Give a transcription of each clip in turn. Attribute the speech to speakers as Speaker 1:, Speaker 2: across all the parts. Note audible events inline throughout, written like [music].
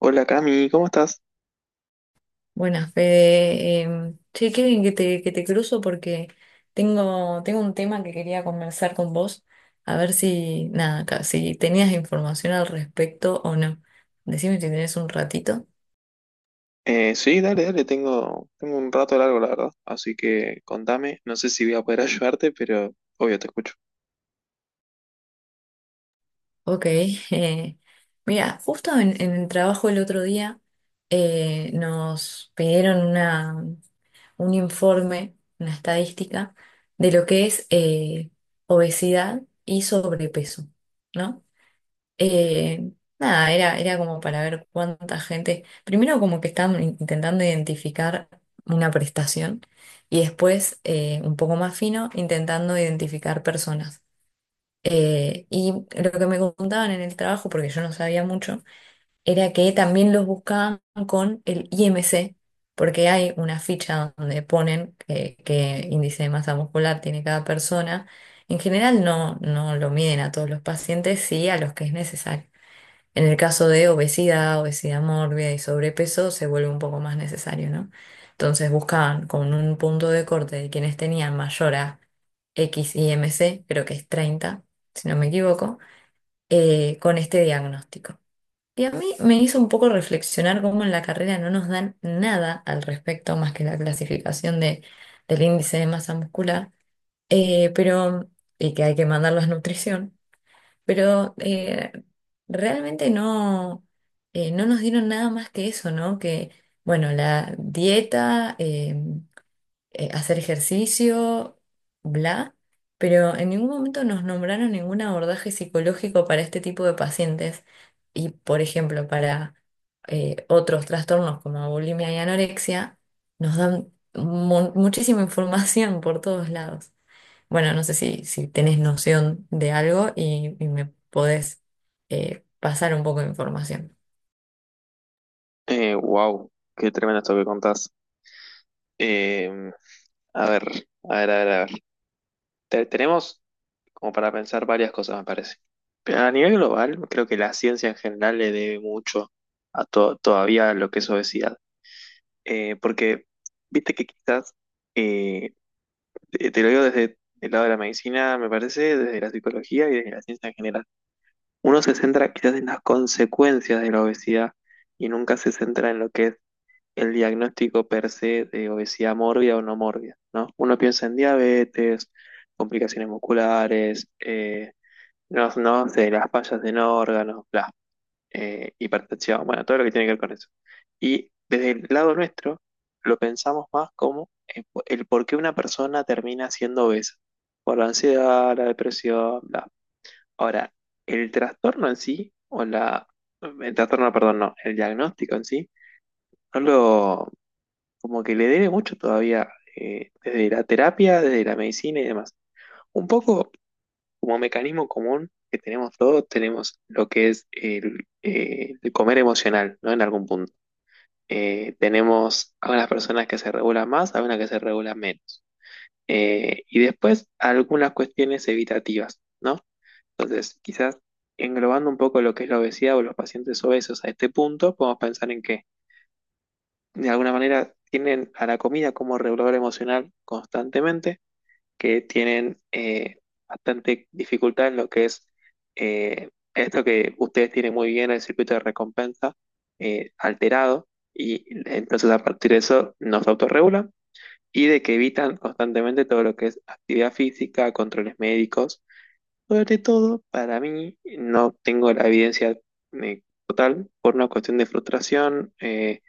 Speaker 1: Hola Cami, ¿cómo estás?
Speaker 2: Buenas, Fede. Qué bien que que te cruzo porque tengo un tema que quería conversar con vos, a ver nada, si tenías información al respecto o no. Decime si tenés un ratito.
Speaker 1: Sí, dale, dale, tengo un rato largo, la verdad. Así que contame, no sé si voy a poder [laughs] ayudarte, pero obvio te escucho.
Speaker 2: Ok. [laughs] eh, mira, justo en el trabajo el otro día, nos pidieron un informe, una estadística de lo que es obesidad y sobrepeso, ¿no? Eh, nada, era como para ver cuánta gente. Primero, como que estaban intentando identificar una prestación y después, un poco más fino, intentando identificar personas. Y lo que me contaban en el trabajo, porque yo no sabía mucho, era que también los buscaban con el IMC, porque hay una ficha donde ponen qué índice de masa muscular tiene cada persona. En general no lo miden a todos los pacientes, sí a los que es necesario. En el caso de obesidad, obesidad mórbida y sobrepeso, se vuelve un poco más necesario, ¿no? Entonces buscaban con un punto de corte de quienes tenían mayor a XIMC, creo que es 30, si no me equivoco, con este diagnóstico. Y a mí me hizo un poco reflexionar cómo en la carrera no nos dan nada al respecto más que la clasificación del índice de masa muscular, eh, pero, y que hay que mandarlos a nutrición. Pero realmente no nos dieron nada más que eso, ¿no? Que, bueno, la dieta, hacer ejercicio, bla, pero en ningún momento nos nombraron ningún abordaje psicológico para este tipo de pacientes y, por ejemplo, para otros trastornos como bulimia y anorexia, nos dan muchísima [laughs] información por todos lados. Bueno, no sé si tenés noción de algo y me podés pasar un poco de información.
Speaker 1: Wow, qué tremendo esto que contás. Eh, a ver, a ver. Tenemos como para pensar varias cosas, me parece. Pero a nivel global, creo que la ciencia en general le debe mucho a todavía lo que es obesidad. Porque, viste que quizás eh, te lo digo desde el lado de la medicina, me parece, desde la psicología y desde la ciencia en general. Uno se centra quizás en las consecuencias de la obesidad y nunca se centra en lo que es el diagnóstico per se de obesidad mórbida o no mórbida, ¿no? Uno piensa en diabetes, complicaciones musculares, no, no sé, las fallas en órganos, bla y hipertensión, bueno, todo lo que tiene que ver con eso. Y desde el lado nuestro, lo pensamos más como el por qué una persona termina siendo obesa, por la ansiedad, la depresión, bla. Ahora, el trastorno en sí, o la, el trastorno, perdón, no, el diagnóstico en sí, no lo, como que le debe mucho todavía, desde la terapia, desde la medicina y demás. Un poco como mecanismo común que tenemos todos, tenemos lo que es el comer emocional, ¿no? En algún punto. Tenemos algunas personas que se regulan más, algunas que se regulan menos. Y después algunas cuestiones evitativas, ¿no? Entonces, quizás englobando un poco lo que es la obesidad o los pacientes obesos a este punto, podemos pensar en que de alguna manera tienen a la comida como regulador emocional constantemente, que tienen bastante dificultad en lo que es esto que ustedes tienen muy bien, el circuito de recompensa alterado, y entonces a partir de eso nos autorregulan, y de que evitan constantemente todo lo que es actividad física, controles médicos, sobre todo, para mí, no tengo la evidencia total, por una cuestión de frustración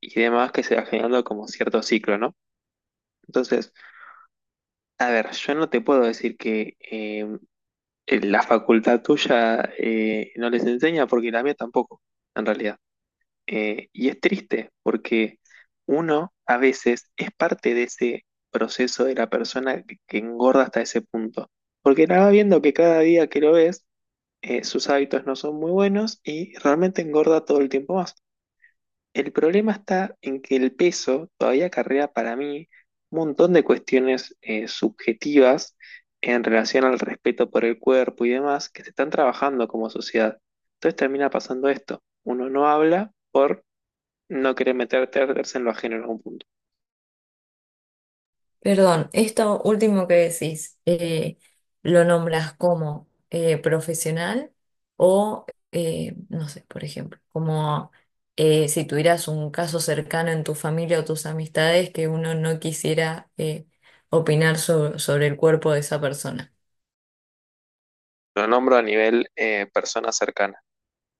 Speaker 1: y demás, que se va generando como cierto ciclo, ¿no? Entonces, a ver, yo no te puedo decir que la facultad tuya no les enseña, porque la mía tampoco, en realidad. Y es triste porque uno a veces es parte de ese proceso de la persona que engorda hasta ese punto. Porque la va viendo que cada día que lo ves, sus hábitos no son muy buenos y realmente engorda todo el tiempo más. El problema está en que el peso todavía acarrea, para mí, un montón de cuestiones subjetivas en relación al respeto por el cuerpo y demás, que se están trabajando como sociedad. Entonces termina pasando esto. Uno no habla por no querer meterse en lo ajeno en algún punto.
Speaker 2: Perdón, esto último que decís, ¿lo nombras como profesional o, no sé, por ejemplo, como si tuvieras un caso cercano en tu familia o tus amistades que uno no quisiera opinar sobre el cuerpo de esa persona?
Speaker 1: Lo nombro a nivel persona cercana.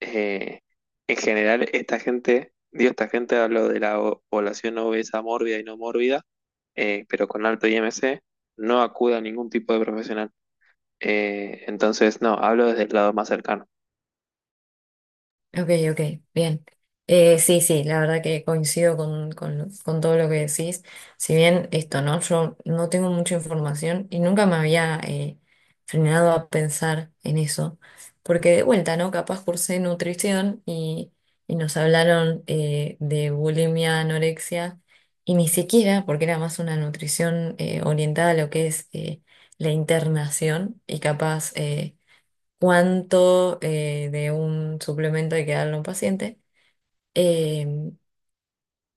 Speaker 1: eh, en general, esta gente, digo, esta gente, hablo de la población obesa mórbida y no mórbida, pero con alto IMC, no acude a ningún tipo de profesional. Entonces, no, hablo desde el lado más cercano.
Speaker 2: Ok, ok, bien. Sí, sí, la verdad que coincido con todo lo que decís. Si bien esto, ¿no? Yo no tengo mucha información y nunca me había frenado a pensar en eso. Porque de vuelta, ¿no? Capaz cursé nutrición y nos hablaron de bulimia, anorexia y ni siquiera, porque era más una nutrición orientada a lo que es la internación y capaz cuánto de un suplemento hay que darle a un paciente. Em,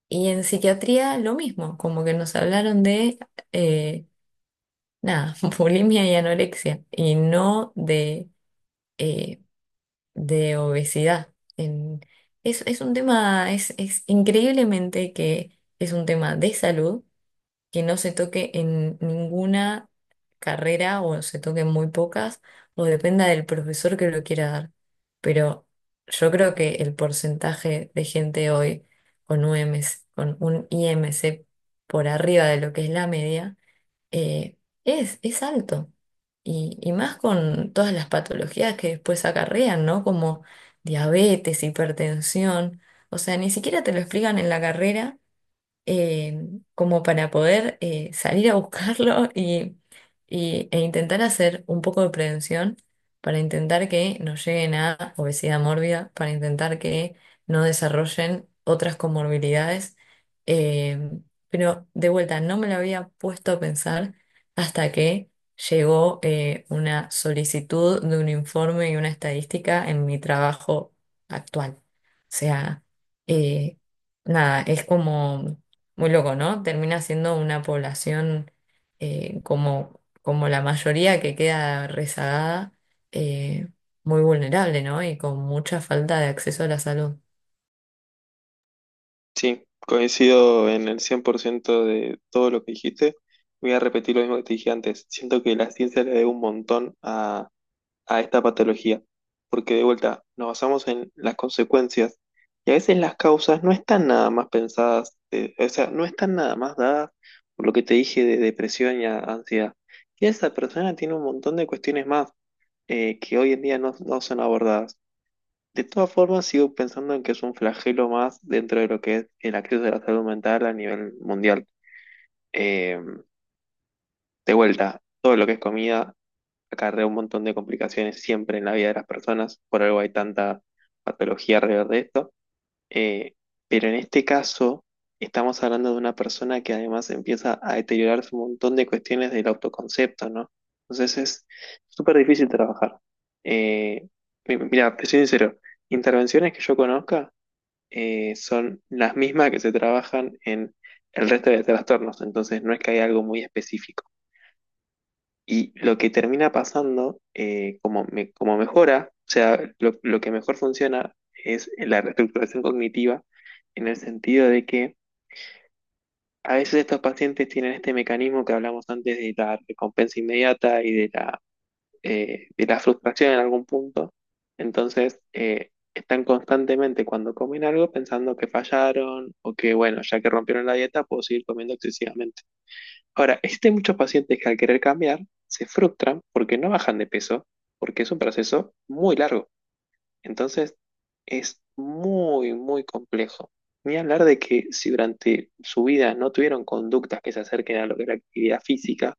Speaker 2: y en psiquiatría lo mismo, como que nos hablaron eh, nada, [laughs] bulimia y anorexia, y no eh, de obesidad. Es un tema, es increíblemente que es un tema de salud que no se toque en ninguna carrera o se toque en muy pocas, o dependa del profesor que lo quiera dar. Pero yo creo que el porcentaje de gente hoy con UMC, con un IMC por arriba de lo que es la media, eh, es alto. Y más con todas las patologías que después acarrean, ¿no? Como diabetes, hipertensión. O sea, ni siquiera te lo explican en la carrera eh, como para poder salir a buscarlo [laughs] e intentar hacer un poco de prevención para intentar que no lleguen a obesidad mórbida, para intentar que no desarrollen otras comorbilidades. Eh, pero de vuelta, no me lo había puesto a pensar hasta que llegó una solicitud de un informe y una estadística en mi trabajo actual. O sea, eh, nada, es como muy loco, ¿no? Termina siendo una población como la mayoría que queda rezagada, eh, muy vulnerable, ¿no? Y con mucha falta de acceso a la salud.
Speaker 1: Sí, coincido en el 100% de todo lo que dijiste. Voy a repetir lo mismo que te dije antes. Siento que la ciencia le debe un montón a esta patología, porque de vuelta nos basamos en las consecuencias, y a veces las causas no están nada más pensadas, o sea, no están nada más dadas por lo que te dije de depresión y ansiedad. Y esa persona tiene un montón de cuestiones más que hoy en día no, no son abordadas. De todas formas, sigo pensando en que es un flagelo más dentro de lo que es el acceso a la salud mental a nivel mundial. Eh, de vuelta, todo lo que es comida acarrea un montón de complicaciones siempre en la vida de las personas, por algo hay tanta patología alrededor de esto. Eh, pero en este caso, estamos hablando de una persona que además empieza a deteriorarse un montón de cuestiones del autoconcepto, ¿no? Entonces es súper difícil trabajar. Eh, Mira, te soy sincero, intervenciones que yo conozca son las mismas que se trabajan en el resto de trastornos, entonces no es que haya algo muy específico. Y lo que termina pasando, como mejora, o sea, lo que mejor funciona es la reestructuración cognitiva, en el sentido de que a veces estos pacientes tienen este mecanismo que hablamos antes, de la recompensa inmediata y de la frustración en algún punto. Entonces, están constantemente cuando comen algo pensando que fallaron, o que, bueno, ya que rompieron la dieta, puedo seguir comiendo excesivamente. Ahora, existen muchos pacientes que al querer cambiar se frustran porque no bajan de peso, porque es un proceso muy largo. Entonces, es muy, muy complejo. Ni hablar de que si durante su vida no tuvieron conductas que se acerquen a lo que es la actividad física,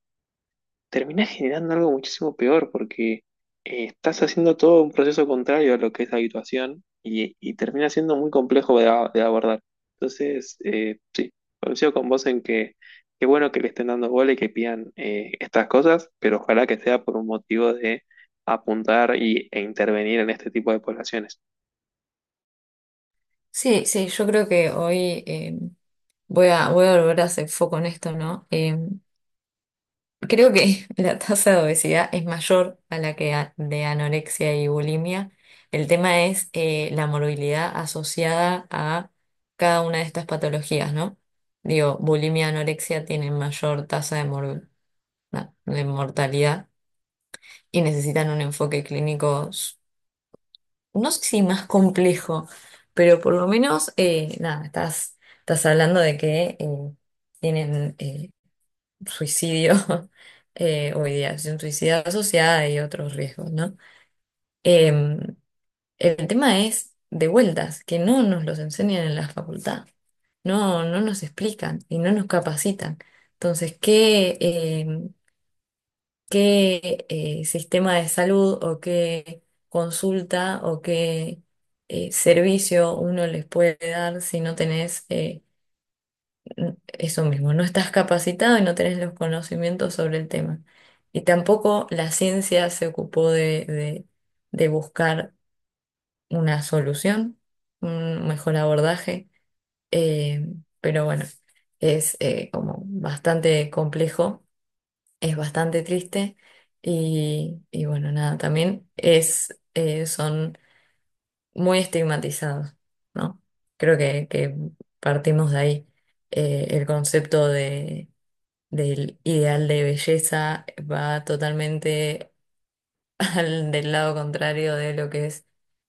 Speaker 1: terminás generando algo muchísimo peor, porque estás haciendo todo un proceso contrario a lo que es la habituación, y termina siendo muy complejo de abordar. Entonces, sí, coincido con vos en que qué bueno que le estén dando bola y que pidan estas cosas, pero ojalá que sea por un motivo de apuntar y, e intervenir en este tipo de poblaciones.
Speaker 2: Sí, sí, yo creo que hoy voy a volver a hacer foco en esto, ¿no? Creo que [laughs] la tasa de obesidad es mayor a la que de anorexia y bulimia. El tema es la morbilidad asociada a cada una de estas patologías, ¿no? Digo, bulimia y anorexia tienen mayor tasa de mortalidad y necesitan un enfoque clínico, no sé si más complejo, pero por lo menos, nada, estás hablando de que tienen suicidio [laughs] o ideación suicida asociada y otros riesgos, ¿no? Em, el tema es de vueltas, que no nos los enseñan en la facultad, no nos explican y no nos capacitan. Entonces, ¿qué sistema de salud o qué consulta o qué servicio uno les puede dar si no tenés eso mismo, no estás capacitado y no tenés los conocimientos sobre el tema. Y tampoco la ciencia se ocupó de buscar una solución, un mejor abordaje, eh, pero bueno, es como bastante complejo, es bastante triste y bueno, nada, también son muy estigmatizados, ¿no? Creo que partimos de ahí, el concepto de del ideal de belleza, va totalmente [laughs] del lado contrario de lo que es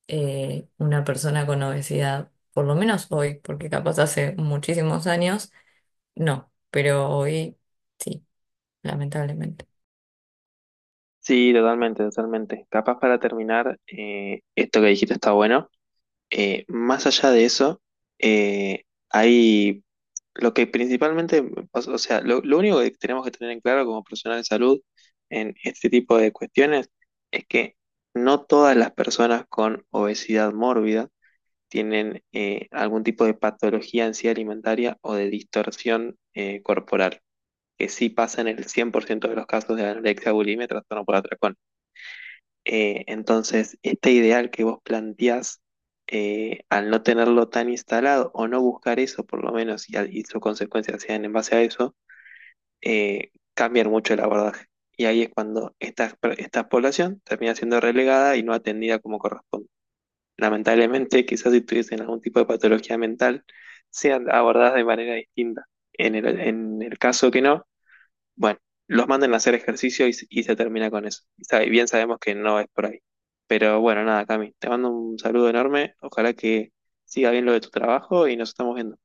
Speaker 2: una persona con obesidad, por lo menos hoy, porque capaz hace muchísimos años, no, pero hoy sí, lamentablemente.
Speaker 1: Sí, totalmente, totalmente. Capaz para terminar, esto que dijiste está bueno. Más allá de eso, eh, hay lo que principalmente, o sea, lo único que tenemos que tener en claro como profesional de salud en este tipo de cuestiones es que no todas las personas con obesidad mórbida tienen algún tipo de patología en sí alimentaria o de distorsión corporal, que sí pasa en el 100% de los casos de anorexia, bulimia, trastorno por atracón. Entonces, este ideal que vos planteás, al no tenerlo tan instalado o no buscar eso, por lo menos, y, y sus consecuencias sean en base a eso, cambian mucho el abordaje. Y ahí es cuando esta población termina siendo relegada y no atendida como corresponde. Lamentablemente, quizás si tuviesen algún tipo de patología mental, sean abordadas de manera distinta. En el caso que no, bueno, los mandan a hacer ejercicio, y se termina con eso. Y bien sabemos que no es por ahí. Pero bueno, nada, Cami, te mando un saludo enorme. Ojalá que siga bien lo de tu trabajo y nos estamos viendo.